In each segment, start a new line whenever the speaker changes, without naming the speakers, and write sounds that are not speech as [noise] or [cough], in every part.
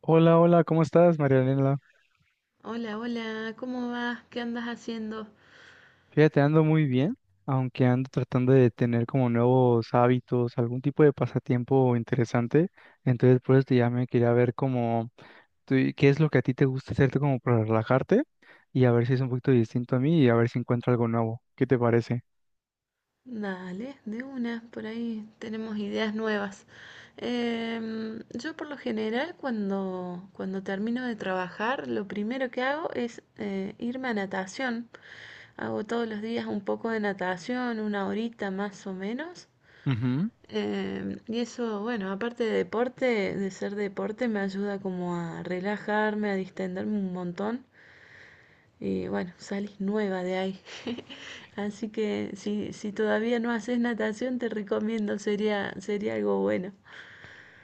Hola, hola, ¿cómo estás, Marianela?
Hola, hola, ¿cómo vas? ¿Qué andas haciendo?
Fíjate, ando muy bien, aunque ando tratando de tener como nuevos hábitos, algún tipo de pasatiempo interesante. Entonces, por eso te llamé, quería ver cómo, qué es lo que a ti te gusta hacerte como para relajarte y a ver si es un poquito distinto a mí y a ver si encuentro algo nuevo. ¿Qué te parece?
Dale, de una, por ahí tenemos ideas nuevas. Yo por lo general cuando termino de trabajar, lo primero que hago es irme a natación. Hago todos los días un poco de natación, una horita más o menos. Y eso, bueno, aparte de deporte, de ser deporte, me ayuda como a relajarme, a distenderme un montón. Y bueno, salís nueva de ahí. [laughs] Así que si todavía no haces natación, te recomiendo, sería algo bueno.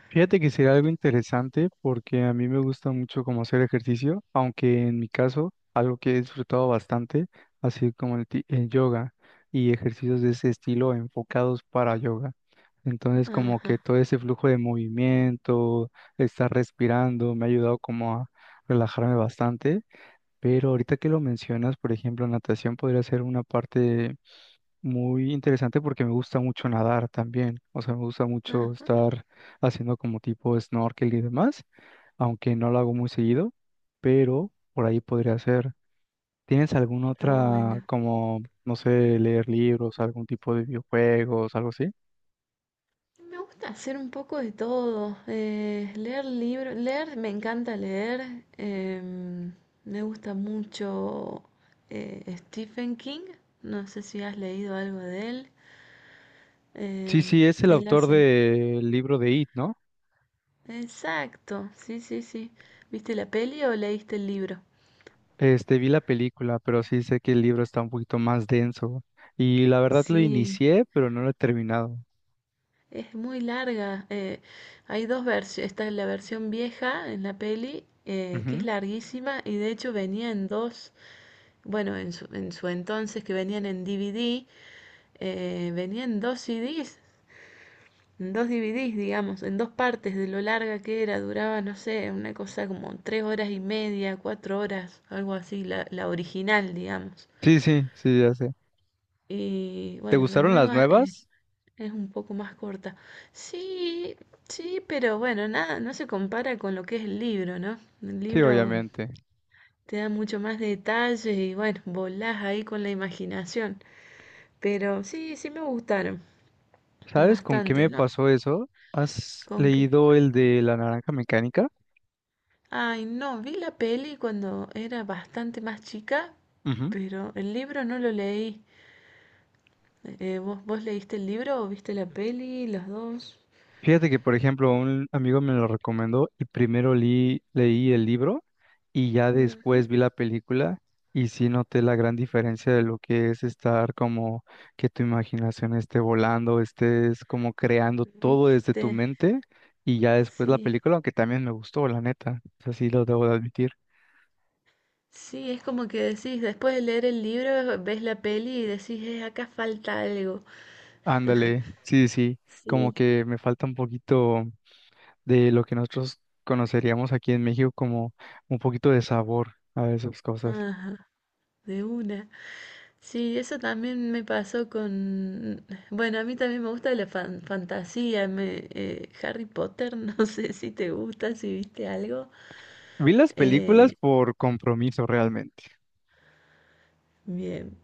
Fíjate que sería algo interesante porque a mí me gusta mucho como hacer ejercicio, aunque en mi caso algo que he disfrutado bastante ha sido como el, el yoga y ejercicios de ese estilo enfocados para yoga. Entonces como
Ajá,
que todo ese flujo de movimiento, estar respirando, me ha ayudado como a relajarme bastante. Pero ahorita que lo mencionas, por ejemplo, natación podría ser una parte muy interesante porque me gusta mucho nadar también, o sea, me gusta mucho
ajá,
estar haciendo como tipo snorkel y demás, aunque no lo hago muy seguido, pero por ahí podría ser. ¿Tienes alguna
está
otra
bueno.
como, no sé, leer libros, algún tipo de videojuegos, algo así?
Me gusta hacer un poco de todo. Eh, leer libros, leer, me encanta leer. Me gusta mucho Stephen King. No sé si has leído algo de él.
Sí,
em,
sí, es el
Él
autor
hace...
del libro de It, ¿no?
Exacto, sí, sí, sí. ¿Viste la peli o leíste el libro?
Este, vi la película, pero sí sé que el libro está un poquito más denso y la verdad lo
Sí,
inicié, pero no lo he terminado.
es muy larga. Eh, hay dos versiones. Está la versión vieja en la peli, que es
Ujú.
larguísima y de hecho venía en dos, bueno, en su entonces que venían en DVD, venía en dos CDs, en dos DVDs, digamos, en dos partes de lo larga que era. Duraba, no sé, una cosa como tres horas y media, cuatro horas, algo así, la original, digamos.
Sí, sí, sí, ya sé.
Y
¿Te
bueno, la
gustaron las
nueva...
nuevas?
Es un poco más corta. Sí, sí, pero bueno, nada, no se compara con lo que es el libro, ¿no? El
Sí,
libro
obviamente.
te da mucho más detalles y bueno, volás ahí con la imaginación. Pero sí, sí me gustaron
¿Sabes con qué
bastante,
me
¿no?
pasó eso? ¿Has
Con que...
leído el de La Naranja Mecánica?
Ay, no, vi la peli cuando era bastante más chica,
Ujú.
pero el libro no lo leí. ¿Vos leíste el libro o viste la peli, ¿los dos?
Fíjate que, por ejemplo, un amigo me lo recomendó y primero leí el libro y ya
Ujú.
después vi la película y sí noté la gran diferencia de lo que es estar como que tu imaginación esté volando, estés como creando todo desde
¿Viste?
tu mente y ya después la
Sí.
película, aunque también me gustó, la neta, así lo debo de admitir.
Sí, es como que decís, después de leer el libro, ves la peli y decís: acá falta algo".
Ándale, sí, sí, como
Sí,
que me falta un poquito de lo que nosotros conoceríamos aquí en México como un poquito de sabor a esas cosas.
ajá, de una. Sí, eso también me pasó con... Bueno, a mí también me gusta la fantasía, me, Harry Potter, [laughs] no sé si te gusta, si viste algo.
Vi las películas
Eh,
por compromiso realmente.
bien.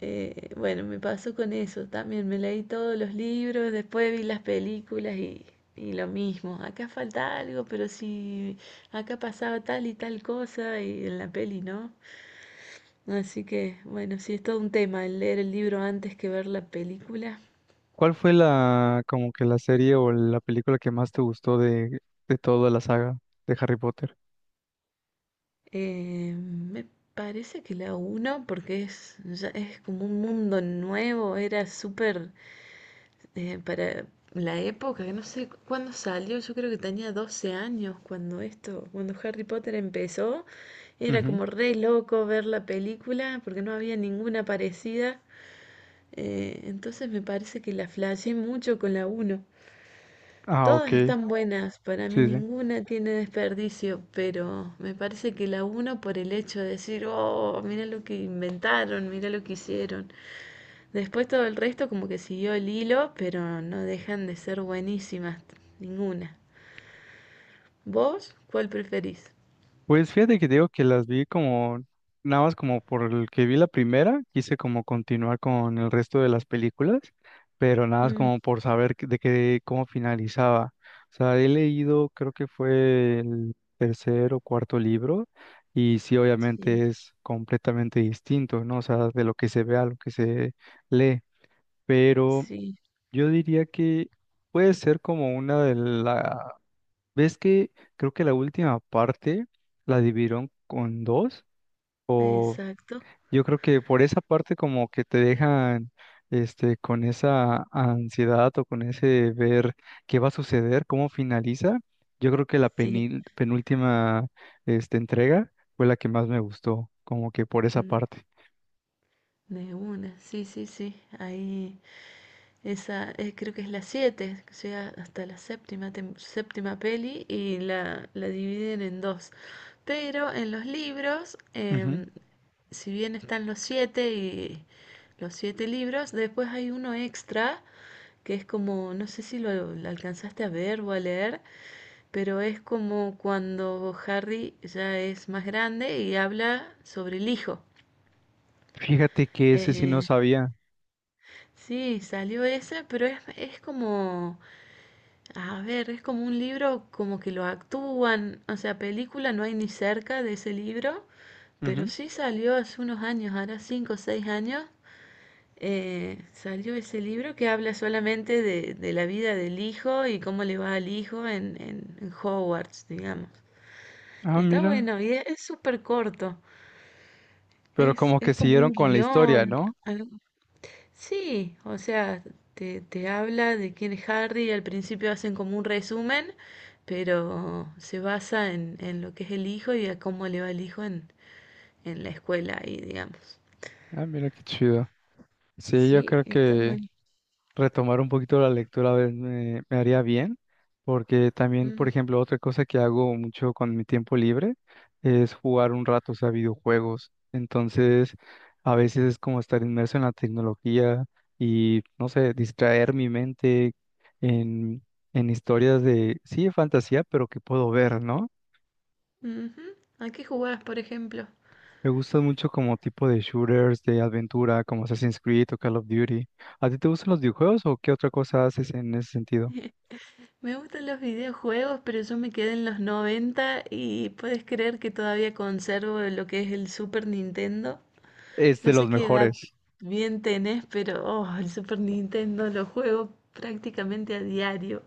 Bueno, me pasó con eso también. Me leí todos los libros, después vi las películas y lo mismo. Acá falta algo, pero si acá pasaba tal y tal cosa y en la peli no. Así que, bueno, sí, es todo un tema el leer el libro antes que ver la película.
¿Cuál fue la, como que la serie o la película que más te gustó de toda la saga de Harry Potter?
Me parece que la uno, porque es, ya es como un mundo nuevo, era súper para la época, que no sé cuándo salió, yo creo que tenía 12 años cuando esto, cuando Harry Potter empezó, era
Ujú.
como re loco ver la película porque no había ninguna parecida. Entonces me parece que la flashé mucho con la uno.
Ah,
Todas
ok,
están buenas, para mí
sí, sí.
ninguna tiene desperdicio, pero me parece que la uno por el hecho de decir, oh, mira lo que inventaron, mira lo que hicieron. Después todo el resto como que siguió el hilo, pero no dejan de ser buenísimas ninguna. ¿Vos cuál preferís?
Pues fíjate que digo que las vi como, nada más como por el que vi la primera, quise como continuar con el resto de las películas, pero nada más
Mm,
como por saber de qué, cómo finalizaba. O sea, he leído, creo que fue el tercer o cuarto libro, y sí,
sí,
obviamente es completamente distinto, ¿no? O sea, de lo que se ve a lo que se lee, pero
sí,
yo diría que puede ser como una de las. Ves que creo que la última parte la dividieron con dos, o
exacto,
yo creo que por esa parte como que te dejan este con esa ansiedad o con ese ver qué va a suceder, cómo finaliza. Yo creo que la
sí,
penúltima este, entrega fue la que más me gustó, como que por esa
n-
parte.
de una, sí, sí, sí, ahí, esa, creo que es la siete, que llega hasta la séptima, séptima peli y la dividen en dos, pero en los libros,
Ujú.
si bien están los siete y los siete libros, después hay uno extra que es como, no sé si lo alcanzaste a ver o a leer, pero es como cuando Harry ya es más grande y habla sobre el hijo.
Fíjate que ese sí no
Eh,
sabía.
sí, salió ese, pero es como, a ver, es como un libro como que lo actúan, o sea, película no hay ni cerca de ese libro, pero
Ujú.
sí salió hace unos años, ahora 5 o 6 años, salió ese libro que habla solamente de la vida del hijo y cómo le va al hijo en, en Hogwarts, digamos.
Ah,
Está
mira.
bueno y es súper corto.
Pero como que
Es como
siguieron
un
con la historia,
guión.
¿no?
algo- Sí, o sea, te habla de quién es Harry, al principio hacen como un resumen, pero se basa en lo que es el hijo y a cómo le va el hijo en la escuela ahí, digamos.
Ah, mira qué chido. Sí, yo
Sí,
creo
está
que
bueno.
retomar un poquito la lectura a ver, me haría bien, porque también, por
Mm,
ejemplo, otra cosa que hago mucho con mi tiempo libre es jugar un rato, o sea, videojuegos. Entonces, a veces es como estar inmerso en la tecnología y, no sé, distraer mi mente en, en historias de, sí, de fantasía, pero que puedo ver, ¿no?
ujú. ¿A qué jugás, por ejemplo?
Me gustan mucho como tipo de shooters, de aventura, como Assassin's Creed o Call of Duty. ¿A ti te gustan los videojuegos o qué otra cosa haces en ese sentido?
Me gustan los videojuegos, pero yo me quedé en los 90 y puedes creer que todavía conservo lo que es el Super Nintendo.
Es
No
de
sé
los
qué edad
mejores.
bien tenés, pero oh, el Super Nintendo lo juego prácticamente a diario.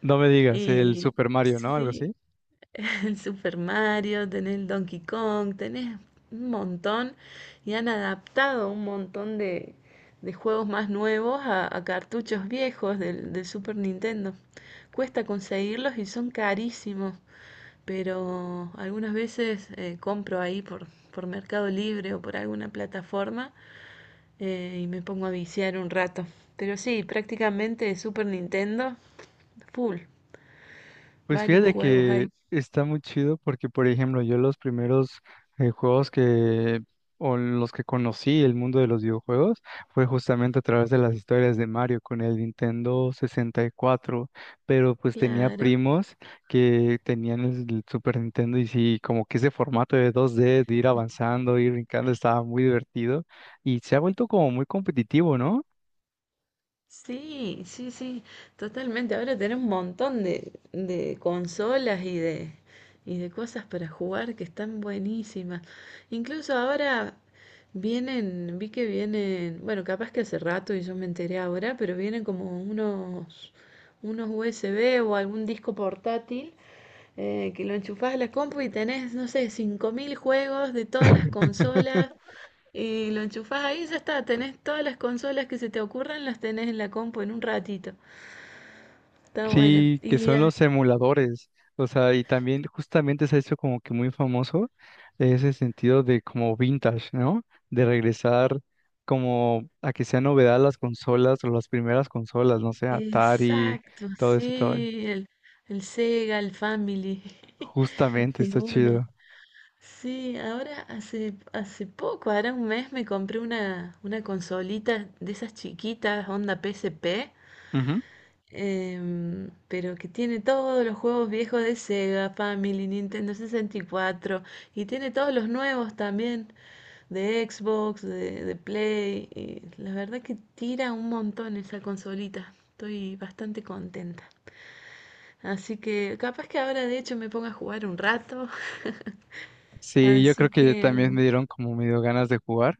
No me digas, el
Y
Super Mario, ¿no? Algo así.
sí, [laughs] el Super Mario, tenés el Donkey Kong, tenés un montón, y han adaptado un montón de juegos más nuevos a cartuchos viejos del Super Nintendo. Cuesta conseguirlos y son carísimos, pero algunas veces compro ahí por Mercado Libre o por alguna plataforma y me pongo a viciar un rato. Pero sí, prácticamente Super Nintendo, full,
Pues
varios
fíjate
juegos
que
ahí.
está muy chido porque, por ejemplo, yo los primeros juegos o los que conocí el mundo de los videojuegos, fue justamente a través de las historias de Mario con el Nintendo 64, pero pues tenía
Claro.
primos que tenían el Super Nintendo y sí, como que ese formato de dos d de ir avanzando, ir brincando, estaba muy divertido y se ha vuelto como muy competitivo, ¿no?
Sí, sí, sí, totalmente. Ahora tenés un montón de consolas y y de cosas para jugar que están buenísimas. Incluso ahora vienen, vi que vienen, bueno, capaz que hace rato y yo me enteré ahora, pero vienen como unos USB o algún disco portátil que lo enchufás a la compu y tenés, no sé, 5.000 juegos de todas las consolas,
[laughs]
y lo enchufás ahí y ya está. Tenés todas las consolas que se te ocurran, las tenés en la compu en un ratito. Está bueno.
Sí, que
Y
son los emuladores. O sea, y también justamente se ha hecho como que muy famoso ese sentido de como vintage, ¿no? De regresar como a que sea novedad las consolas o las primeras consolas, no sé, Atari,
exacto,
todo ese todo.
sí. El Sega, el Family. [laughs]
Justamente,
De
está
una.
chido.
Sí, ahora hace, hace poco, ahora un mes me compré una consolita de esas chiquitas, onda PSP.
Ujú.
Pero que tiene todos los juegos viejos de Sega, Family, Nintendo 64 y cuatro, y tiene todos los nuevos también de Xbox, de Play. Y la verdad que tira un montón esa consolita. Estoy bastante contenta. Así que capaz que ahora de hecho me ponga a jugar un rato. [laughs]
Sí, yo creo
Así
que
que
también me dieron como medio ganas de jugar.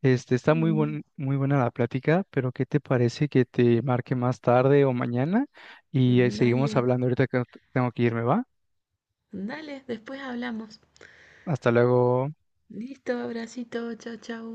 Este, está muy
mm,
buen, muy buena la plática, pero ¿qué te parece que te marque más tarde o mañana? Y
dale,
seguimos hablando ahorita que tengo que irme, ¿va?
dale, después hablamos.
Hasta luego.
Listo, abracito, chao, chao.